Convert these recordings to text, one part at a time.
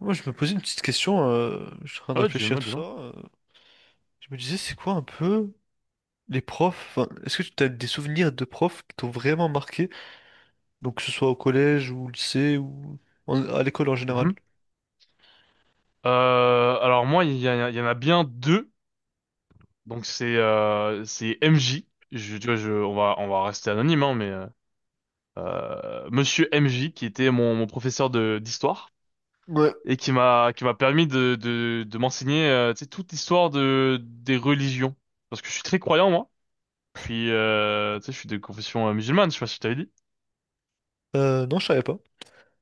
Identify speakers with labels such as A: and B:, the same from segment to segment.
A: Moi, je me posais une petite question, je suis en train de
B: Ouais,
A: réfléchir à
B: dis-moi,
A: tout ça.
B: dis-moi.
A: Je me disais, c'est quoi un peu les profs? Enfin, est-ce que tu as des souvenirs de profs qui t'ont vraiment marqué? Donc, que ce soit au collège ou au lycée ou à l'école en général.
B: Mhm. Alors moi, il y en a bien deux. Donc c'est MJ. Tu vois, on va rester anonyme, hein, mais Monsieur MJ qui était mon professeur de d'histoire
A: Ouais.
B: et qui m'a permis de m'enseigner, tu sais, toute l'histoire de des religions, parce que je suis très croyant moi. Je suis, tu sais, je suis de confession musulmane. Je sais pas si je t'avais dit.
A: Non, je savais pas.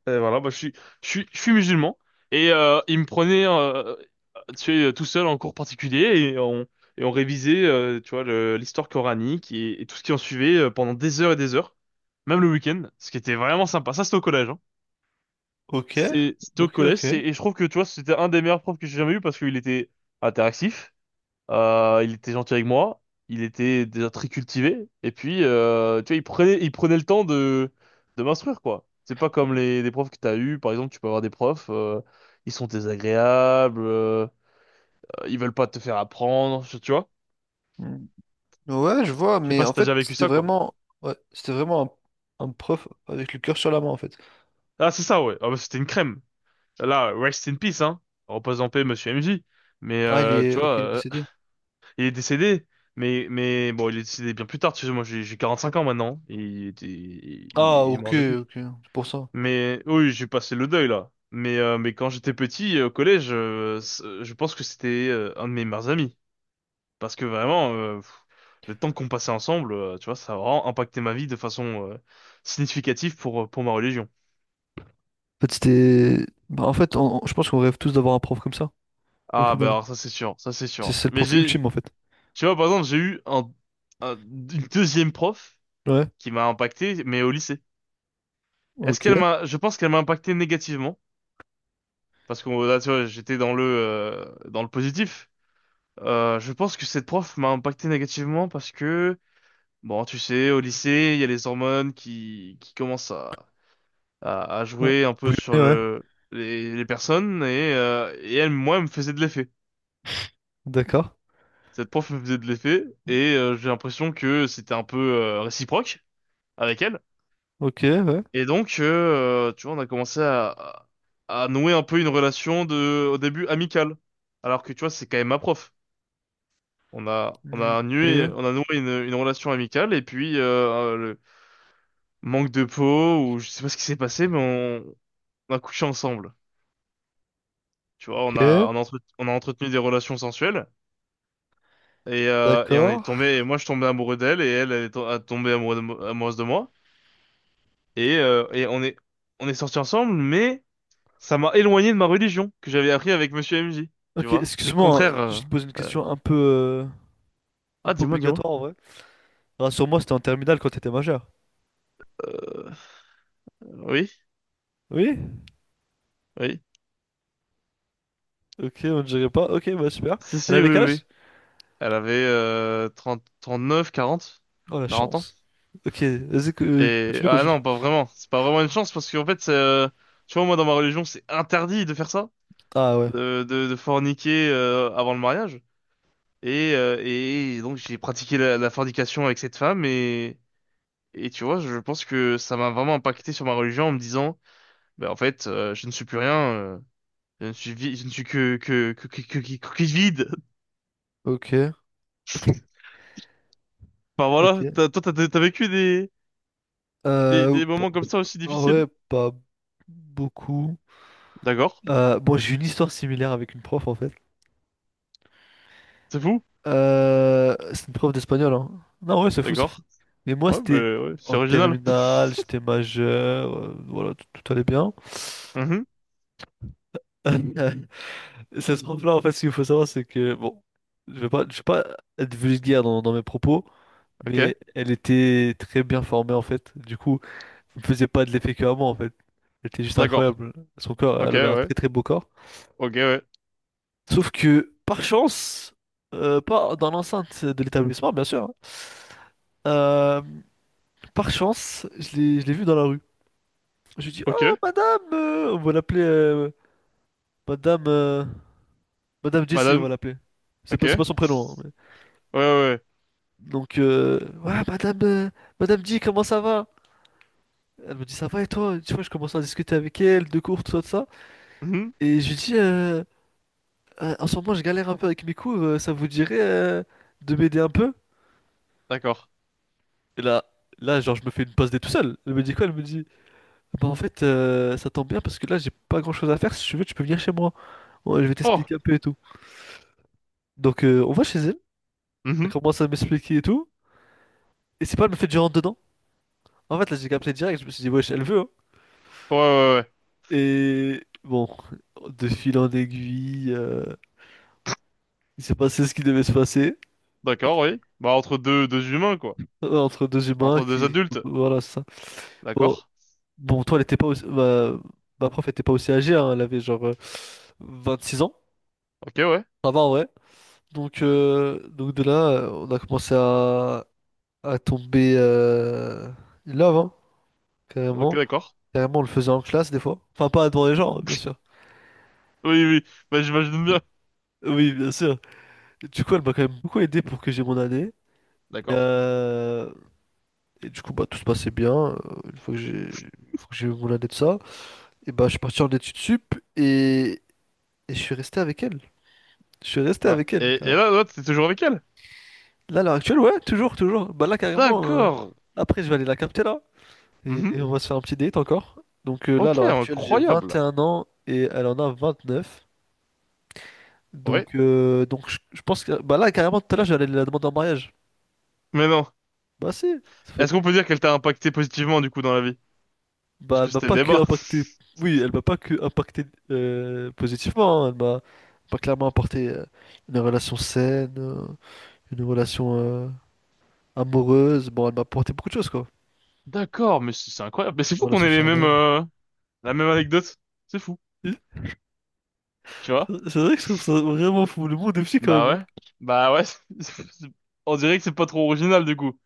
B: Et voilà, bah, je suis musulman. Et il me prenait, tu sais, tout seul en cours particulier, et on révisait, tu vois, l'histoire coranique, et tout ce qui en suivait, pendant des heures et des heures, même le week-end, ce qui était vraiment sympa. Ça, c'était au collège, hein.
A: Ok,
B: C'était au
A: ok,
B: collège,
A: ok.
B: et je trouve que, tu vois, c'était un des meilleurs profs que j'ai jamais eu parce qu'il était interactif. Il était gentil avec moi. Il était déjà très cultivé. Et puis, tu vois, il prenait le temps de m'instruire, quoi. C'est pas comme les profs que t'as eu. Par exemple, tu peux avoir des profs, ils sont désagréables, ils veulent pas te faire apprendre, tu vois.
A: Mm. Ouais, je vois,
B: Je sais
A: mais
B: pas
A: en
B: si t'as déjà
A: fait,
B: vécu
A: c'était
B: ça, quoi.
A: vraiment, ouais, c'était vraiment un prof avec le cœur sur la main, en fait.
B: Ah, c'est ça, ouais. Ah, bah, c'était une crème. Là, rest in peace, hein. Repose en paix, monsieur MJ. Mais,
A: Ah, il est,
B: tu vois,
A: ok, il est décédé.
B: il est décédé. Mais bon, il est décédé bien plus tard. Tu sais, moi, j'ai 45 ans maintenant. Et Il était,
A: Ah,
B: il est
A: ok,
B: mort depuis.
A: ok, c'est pour ça. En
B: Mais oui, j'ai passé le deuil là. Mais quand j'étais petit, au collège, je pense que c'était, un de mes meilleurs amis, parce que vraiment, le temps qu'on passait ensemble, tu vois, ça a vraiment impacté ma vie de façon, significative, pour ma religion.
A: fait, bah, en fait, je pense qu'on rêve tous d'avoir un prof comme ça, au
B: Ah bah
A: final.
B: alors ça c'est sûr, ça c'est sûr.
A: C'est le
B: Mais
A: prof
B: j'ai
A: ultime en fait.
B: tu vois, par exemple, j'ai eu une deuxième prof
A: Ouais,
B: qui m'a impacté mais au lycée. Est-ce qu'elle
A: ok.
B: m'a je pense qu'elle m'a impacté négativement, parce que bon, là tu vois, j'étais dans le positif. Je pense que cette prof m'a impacté négativement parce que, bon, tu sais, au lycée, il y a les hormones qui commencent à
A: Ouais.
B: jouer un peu
A: Bouillonner,
B: sur
A: ouais.
B: les personnes, et, et elle, moi, elle me faisait de l'effet.
A: D'accord.
B: Cette prof me faisait de l'effet, et j'ai l'impression que c'était un peu, réciproque avec elle.
A: Ok, ouais.
B: Et donc, tu vois, on a commencé à nouer un peu une relation, au début amicale. Alors que, tu vois, c'est quand même ma prof. On a, on a noué,
A: Ok,
B: on a noué une relation amicale, et puis le manque de peau ou je sais pas ce qui s'est passé, mais on a couché ensemble. Tu vois, on a,
A: ok.
B: on a, entre- on a entretenu des relations sensuelles, et et on est
A: D'accord.
B: tombé. Et moi, je tombais amoureux d'elle, et elle a tombé amoureuse de moi. Et on est sortis ensemble, mais ça m'a éloigné de ma religion que j'avais appris avec Monsieur MJ. Tu
A: Ok,
B: vois, c'est
A: excuse-moi,
B: contraire.
A: hein, je te pose une
B: Euh,
A: question un peu, euh, un
B: Ah,
A: peu
B: dis-moi, dis-moi.
A: obligatoire en vrai. Rassure-moi, c'était en terminale quand t'étais majeur.
B: Oui,
A: Oui?
B: oui.
A: Ok, on ne dirait pas. Ok, bah super.
B: Si, si,
A: Elle
B: oui,
A: avait quel
B: oui. Oui.
A: âge?
B: Elle avait, 30, 39, quarante,
A: Oh la
B: 40 ans.
A: chance. Ok, vas-y,
B: Et
A: continue,
B: ah
A: continue.
B: non, pas vraiment. C'est pas vraiment une chance parce qu'en fait, tu vois, moi dans ma religion, c'est interdit de faire ça,
A: Ah ouais,
B: de forniquer, avant le mariage. Et donc j'ai pratiqué la fornication avec cette femme, et tu vois, je pense que ça m'a vraiment impacté sur ma religion en me disant, ben en fait, je ne suis plus rien. Je ne suis que coquille vide.
A: ok,
B: Enfin voilà,
A: ok.
B: toi, t'as vécu des, des,
A: Euh,
B: des moments comme ça aussi
A: En
B: difficiles.
A: vrai, pas beaucoup.
B: D'accord.
A: Bon, j'ai une histoire similaire avec une prof en fait.
B: C'est fou?
A: C'est une prof d'espagnol, hein. Non, ouais, c'est fou, c'est fou.
B: D'accord.
A: Mais moi,
B: Ouais, bah,
A: c'était
B: ouais, c'est
A: en
B: original.
A: terminale, j'étais majeur, voilà, tout allait bien.
B: Mhm.
A: Cette prof-là, en fait, ce qu'il faut savoir, c'est que, bon, je vais pas être vulgaire dans mes propos,
B: Ok.
A: mais elle était très bien formée, en fait. Du coup, elle me faisait pas de l'effet que à moi, en fait. Elle était juste
B: D'accord.
A: incroyable. Son corps,
B: Ok,
A: elle avait un
B: ouais.
A: très très beau corps.
B: Ok, ouais.
A: Sauf que, par chance, pas dans l'enceinte de l'établissement, bien sûr, hein, euh, par chance, je l'ai vue dans la rue. Je lui ai dit,
B: Ok.
A: oh, madame, on va l'appeler madame, euh, madame Jessie, on va
B: Madame.
A: l'appeler. C'est
B: Ok.
A: pas, c'est
B: Ouais,
A: pas son prénom, hein,
B: ouais, ouais.
A: donc, ouais, madame J, comment ça va? Elle me dit, ça va et toi? Tu vois, je commence à discuter avec elle, de cours, tout ça, tout ça.
B: Mhm.
A: Et je lui dis, en ce moment, je galère un peu avec mes cours, ça vous dirait de m'aider un peu?
B: D'accord.
A: Et là, genre, je me fais une passe des tout seul. Elle me dit quoi? Elle me dit, bah en fait, ça tombe bien parce que là, j'ai pas grand-chose à faire. Si tu veux, tu peux venir chez moi. Ouais, je vais
B: Oh.
A: t'expliquer un peu et tout. Donc, on va chez elle. Elle
B: Mhm.
A: commence à m'expliquer et tout. Et c'est pas, elle me fait du rentre dedans. En fait, là, j'ai capté direct. Je me suis dit, wesh, elle veut, hein.
B: Ouais, ouais, ouais.
A: Et bon, de fil en aiguille, il s'est passé ce qui devait se passer
B: D'accord, oui. Bah, entre deux humains, quoi.
A: entre deux humains
B: Entre deux
A: qui,
B: adultes.
A: voilà, c'est ça. Bon,
B: D'accord.
A: bon, toi, elle était pas ma prof était pas aussi âgée, hein. Elle avait genre 26 ans.
B: Ok, ouais.
A: Ça va, ouais. Donc de là, on a commencé à tomber in love, hein,
B: Ok,
A: carrément.
B: d'accord.
A: Carrément, on le faisait en classe des fois. Enfin, pas devant les gens, hein, bien sûr.
B: Oui, oui. Bah, j'imagine bien.
A: Oui, bien sûr. Et du coup, elle m'a quand même beaucoup aidé pour que j'ai mon année. Et,
B: D'accord.
A: euh, et du coup, bah, tout se passait bien. Une fois que j'ai une fois que j'ai eu mon année de ça, et bah, je suis parti en études sup et je suis resté avec elle. Je suis resté
B: Ouais.
A: avec elle,
B: Et
A: carrément.
B: là, t'es toujours avec elle?
A: Là, à l'heure actuelle, ouais, toujours, toujours. Bah là, carrément,
B: D'accord.
A: après, je vais aller la capter, là. Et
B: Mhm.
A: on va se faire un petit date encore. Donc là, à
B: Ok,
A: l'heure actuelle, j'ai
B: incroyable.
A: 21 ans et elle en a 29.
B: Ouais.
A: Donc je pense que... Bah là, carrément, tout à l'heure, j'allais la demander en mariage.
B: Mais non.
A: Bah si, ça fait...
B: Est-ce qu'on peut dire qu'elle t'a impacté positivement, du coup, dans la vie? Parce
A: Bah
B: que
A: elle m'a
B: c'était le
A: pas que
B: débat.
A: impacté... Oui, elle m'a pas que impacté positivement, hein. Elle m'a pas clairement apporté une relation saine, une relation amoureuse. Bon, elle m'a apporté beaucoup de choses, quoi.
B: D'accord, mais c'est incroyable. Mais c'est
A: Une
B: fou qu'on
A: relation
B: ait
A: charnelle.
B: la même anecdote. C'est fou, tu vois?
A: C'est vrai que je trouve ça vraiment fou. Le monde est petit quand même,
B: Bah
A: hein.
B: ouais. Bah ouais. c'est- c'est- On dirait que c'est pas trop original du coup.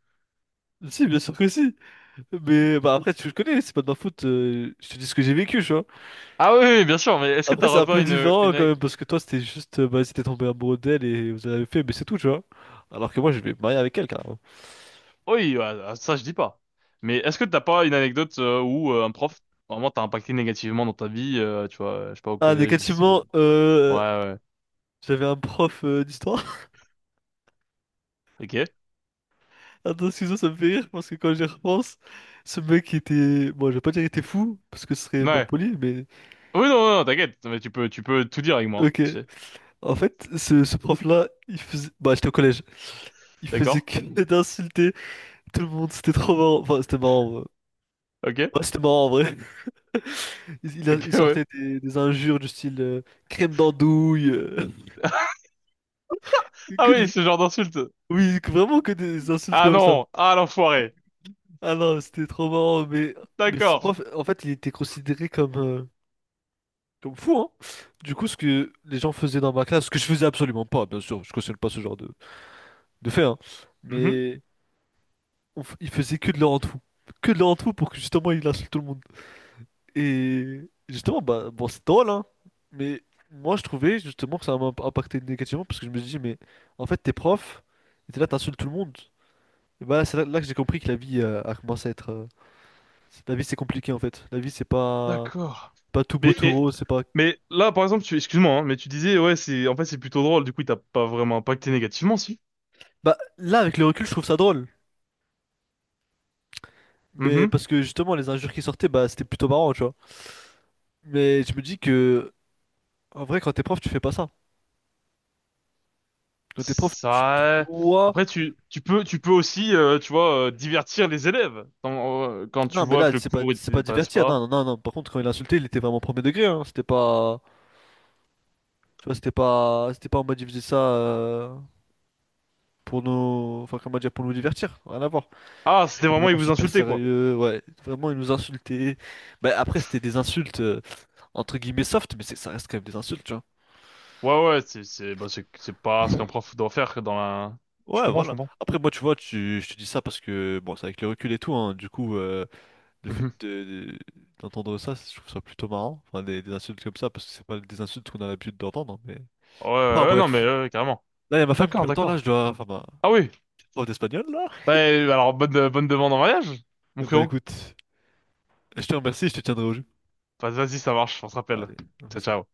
A: Si, bien sûr que si. Mais bah après, tu je connais, c'est pas de ma faute. Je te dis ce que j'ai vécu, tu vois.
B: Ah oui, oui, bien sûr. Mais est-ce que
A: Après, c'est
B: t'aurais
A: un
B: pas
A: peu
B: une,
A: différent
B: une,
A: quand
B: ane-
A: même, parce que toi, c'était juste, bah, si t'es tombé amoureux d'elle et vous avez fait, mais c'est tout, tu vois. Alors que moi, je vais me marier avec elle, carrément.
B: Oui, ouais, ah, ça je dis pas. Mais est-ce que t'as pas une anecdote, où un prof vraiment t'a impacté négativement dans ta vie, tu vois, je sais pas, au
A: Ah,
B: collège, lycée.
A: négativement,
B: Ouais, ouais.
A: j'avais un prof d'histoire.
B: Ok.
A: Attends, excuse-moi, ça me fait rire, parce que quand j'y repense, ce mec était. Bon, je vais pas dire qu'il était fou, parce que ce serait mal
B: Ouais.
A: poli, mais.
B: Oui, non, non, t'inquiète. Mais tu peux tout dire avec moi, hein,
A: Ok.
B: tu sais.
A: En fait, ce prof-là, il faisait. Bah, j'étais au collège. Il faisait
B: D'accord?
A: que d'insulter tout le monde, c'était trop marrant. Enfin, c'était marrant, ouais.
B: Ok.
A: Ouais, c'était marrant en vrai.
B: Ok,
A: Il
B: ouais.
A: sortait des injures du style crème d'andouille.
B: Ah
A: Que
B: oui,
A: des-
B: ce genre d'insulte.
A: Oui, vraiment que des insultes
B: Ah
A: comme ça.
B: non. Ah l'enfoiré.
A: Ah non, c'était trop marrant. Mais ce
B: D'accord.
A: prof, en fait, il était considéré comme fou, hein. Du coup, ce que les gens faisaient dans ma classe, ce que je faisais absolument pas, bien sûr, je cautionne pas ce genre de fait, hein.
B: Mhm.
A: Mais ils faisaient que de leur en tout. Que de leur en tout pour que justement il insulte tout le monde. Et justement, bah, bon, c'est drôle, hein, mais moi je trouvais justement que ça m'a impacté négativement parce que je me suis dit, mais en fait, t'es prof, et t'es là, t'insultes tout le monde. Et bah, c'est là, que j'ai compris que la vie a commencé à être. La vie, c'est compliqué en fait. La vie, c'est pas,
B: D'accord.
A: pas tout beau,
B: Mais,
A: tout
B: et-
A: rose, c'est pas.
B: mais là, par exemple, excuse-moi, hein, mais tu disais, ouais, en fait, c'est plutôt drôle. Du coup, il t'a pas vraiment impacté négativement, si.
A: Bah, là, avec le recul, je trouve ça drôle, mais
B: Mhm.
A: parce que justement, les injures qui sortaient, bah, c'était plutôt marrant, tu vois. Mais je me dis que, en vrai, quand t'es prof, tu fais pas ça. Quand t'es prof, tu te
B: Ça,
A: dois
B: après, tu peux aussi, tu vois, divertir les élèves, quand tu
A: non, mais
B: vois
A: là,
B: que le
A: c'est pas,
B: cours, il
A: c'est pas
B: t'intéresse
A: divertir. Non,
B: pas.
A: non, non, non. Par contre, quand il a insulté il était vraiment premier degré, hein. C'était pas, tu vois, c'était pas en mode il faisait ça pour nous, enfin, comment dire, pour nous divertir. Rien à voir.
B: Ah, c'était
A: C'était
B: vraiment, ils
A: vraiment
B: vous
A: super
B: insultaient, quoi.
A: sérieux. Ouais, vraiment, il nous insultait. Bah, après, c'était des insultes entre guillemets soft, mais c'est, ça reste quand même des insultes, tu vois.
B: Ouais, ouais, bah, c'est pas ce qu'un prof doit faire, je
A: Ouais,
B: comprends, je
A: voilà.
B: comprends.
A: Après, moi, tu vois, je te dis ça parce que, bon, c'est avec le recul et tout, hein. Du coup, le fait
B: Mhm.
A: d'entendre ça, je trouve ça plutôt marrant. Enfin, des insultes comme ça, parce que c'est pas des insultes qu'on a l'habitude d'entendre, mais.
B: Ouais,
A: Enfin
B: ouais, ouais, non, mais,
A: bref,
B: carrément.
A: là il y a ma femme qui
B: D'accord,
A: m'attend, là
B: d'accord.
A: je dois... Enfin ma
B: Ah oui.
A: prof d'espagnol là.
B: Bah, alors, bonne demande en mariage, mon
A: Eh ben
B: frérot.
A: écoute, je te remercie, je te tiendrai au jus.
B: Vas-y, ça marche, on se rappelle.
A: Allez, on fait
B: Ciao, ciao.
A: ça.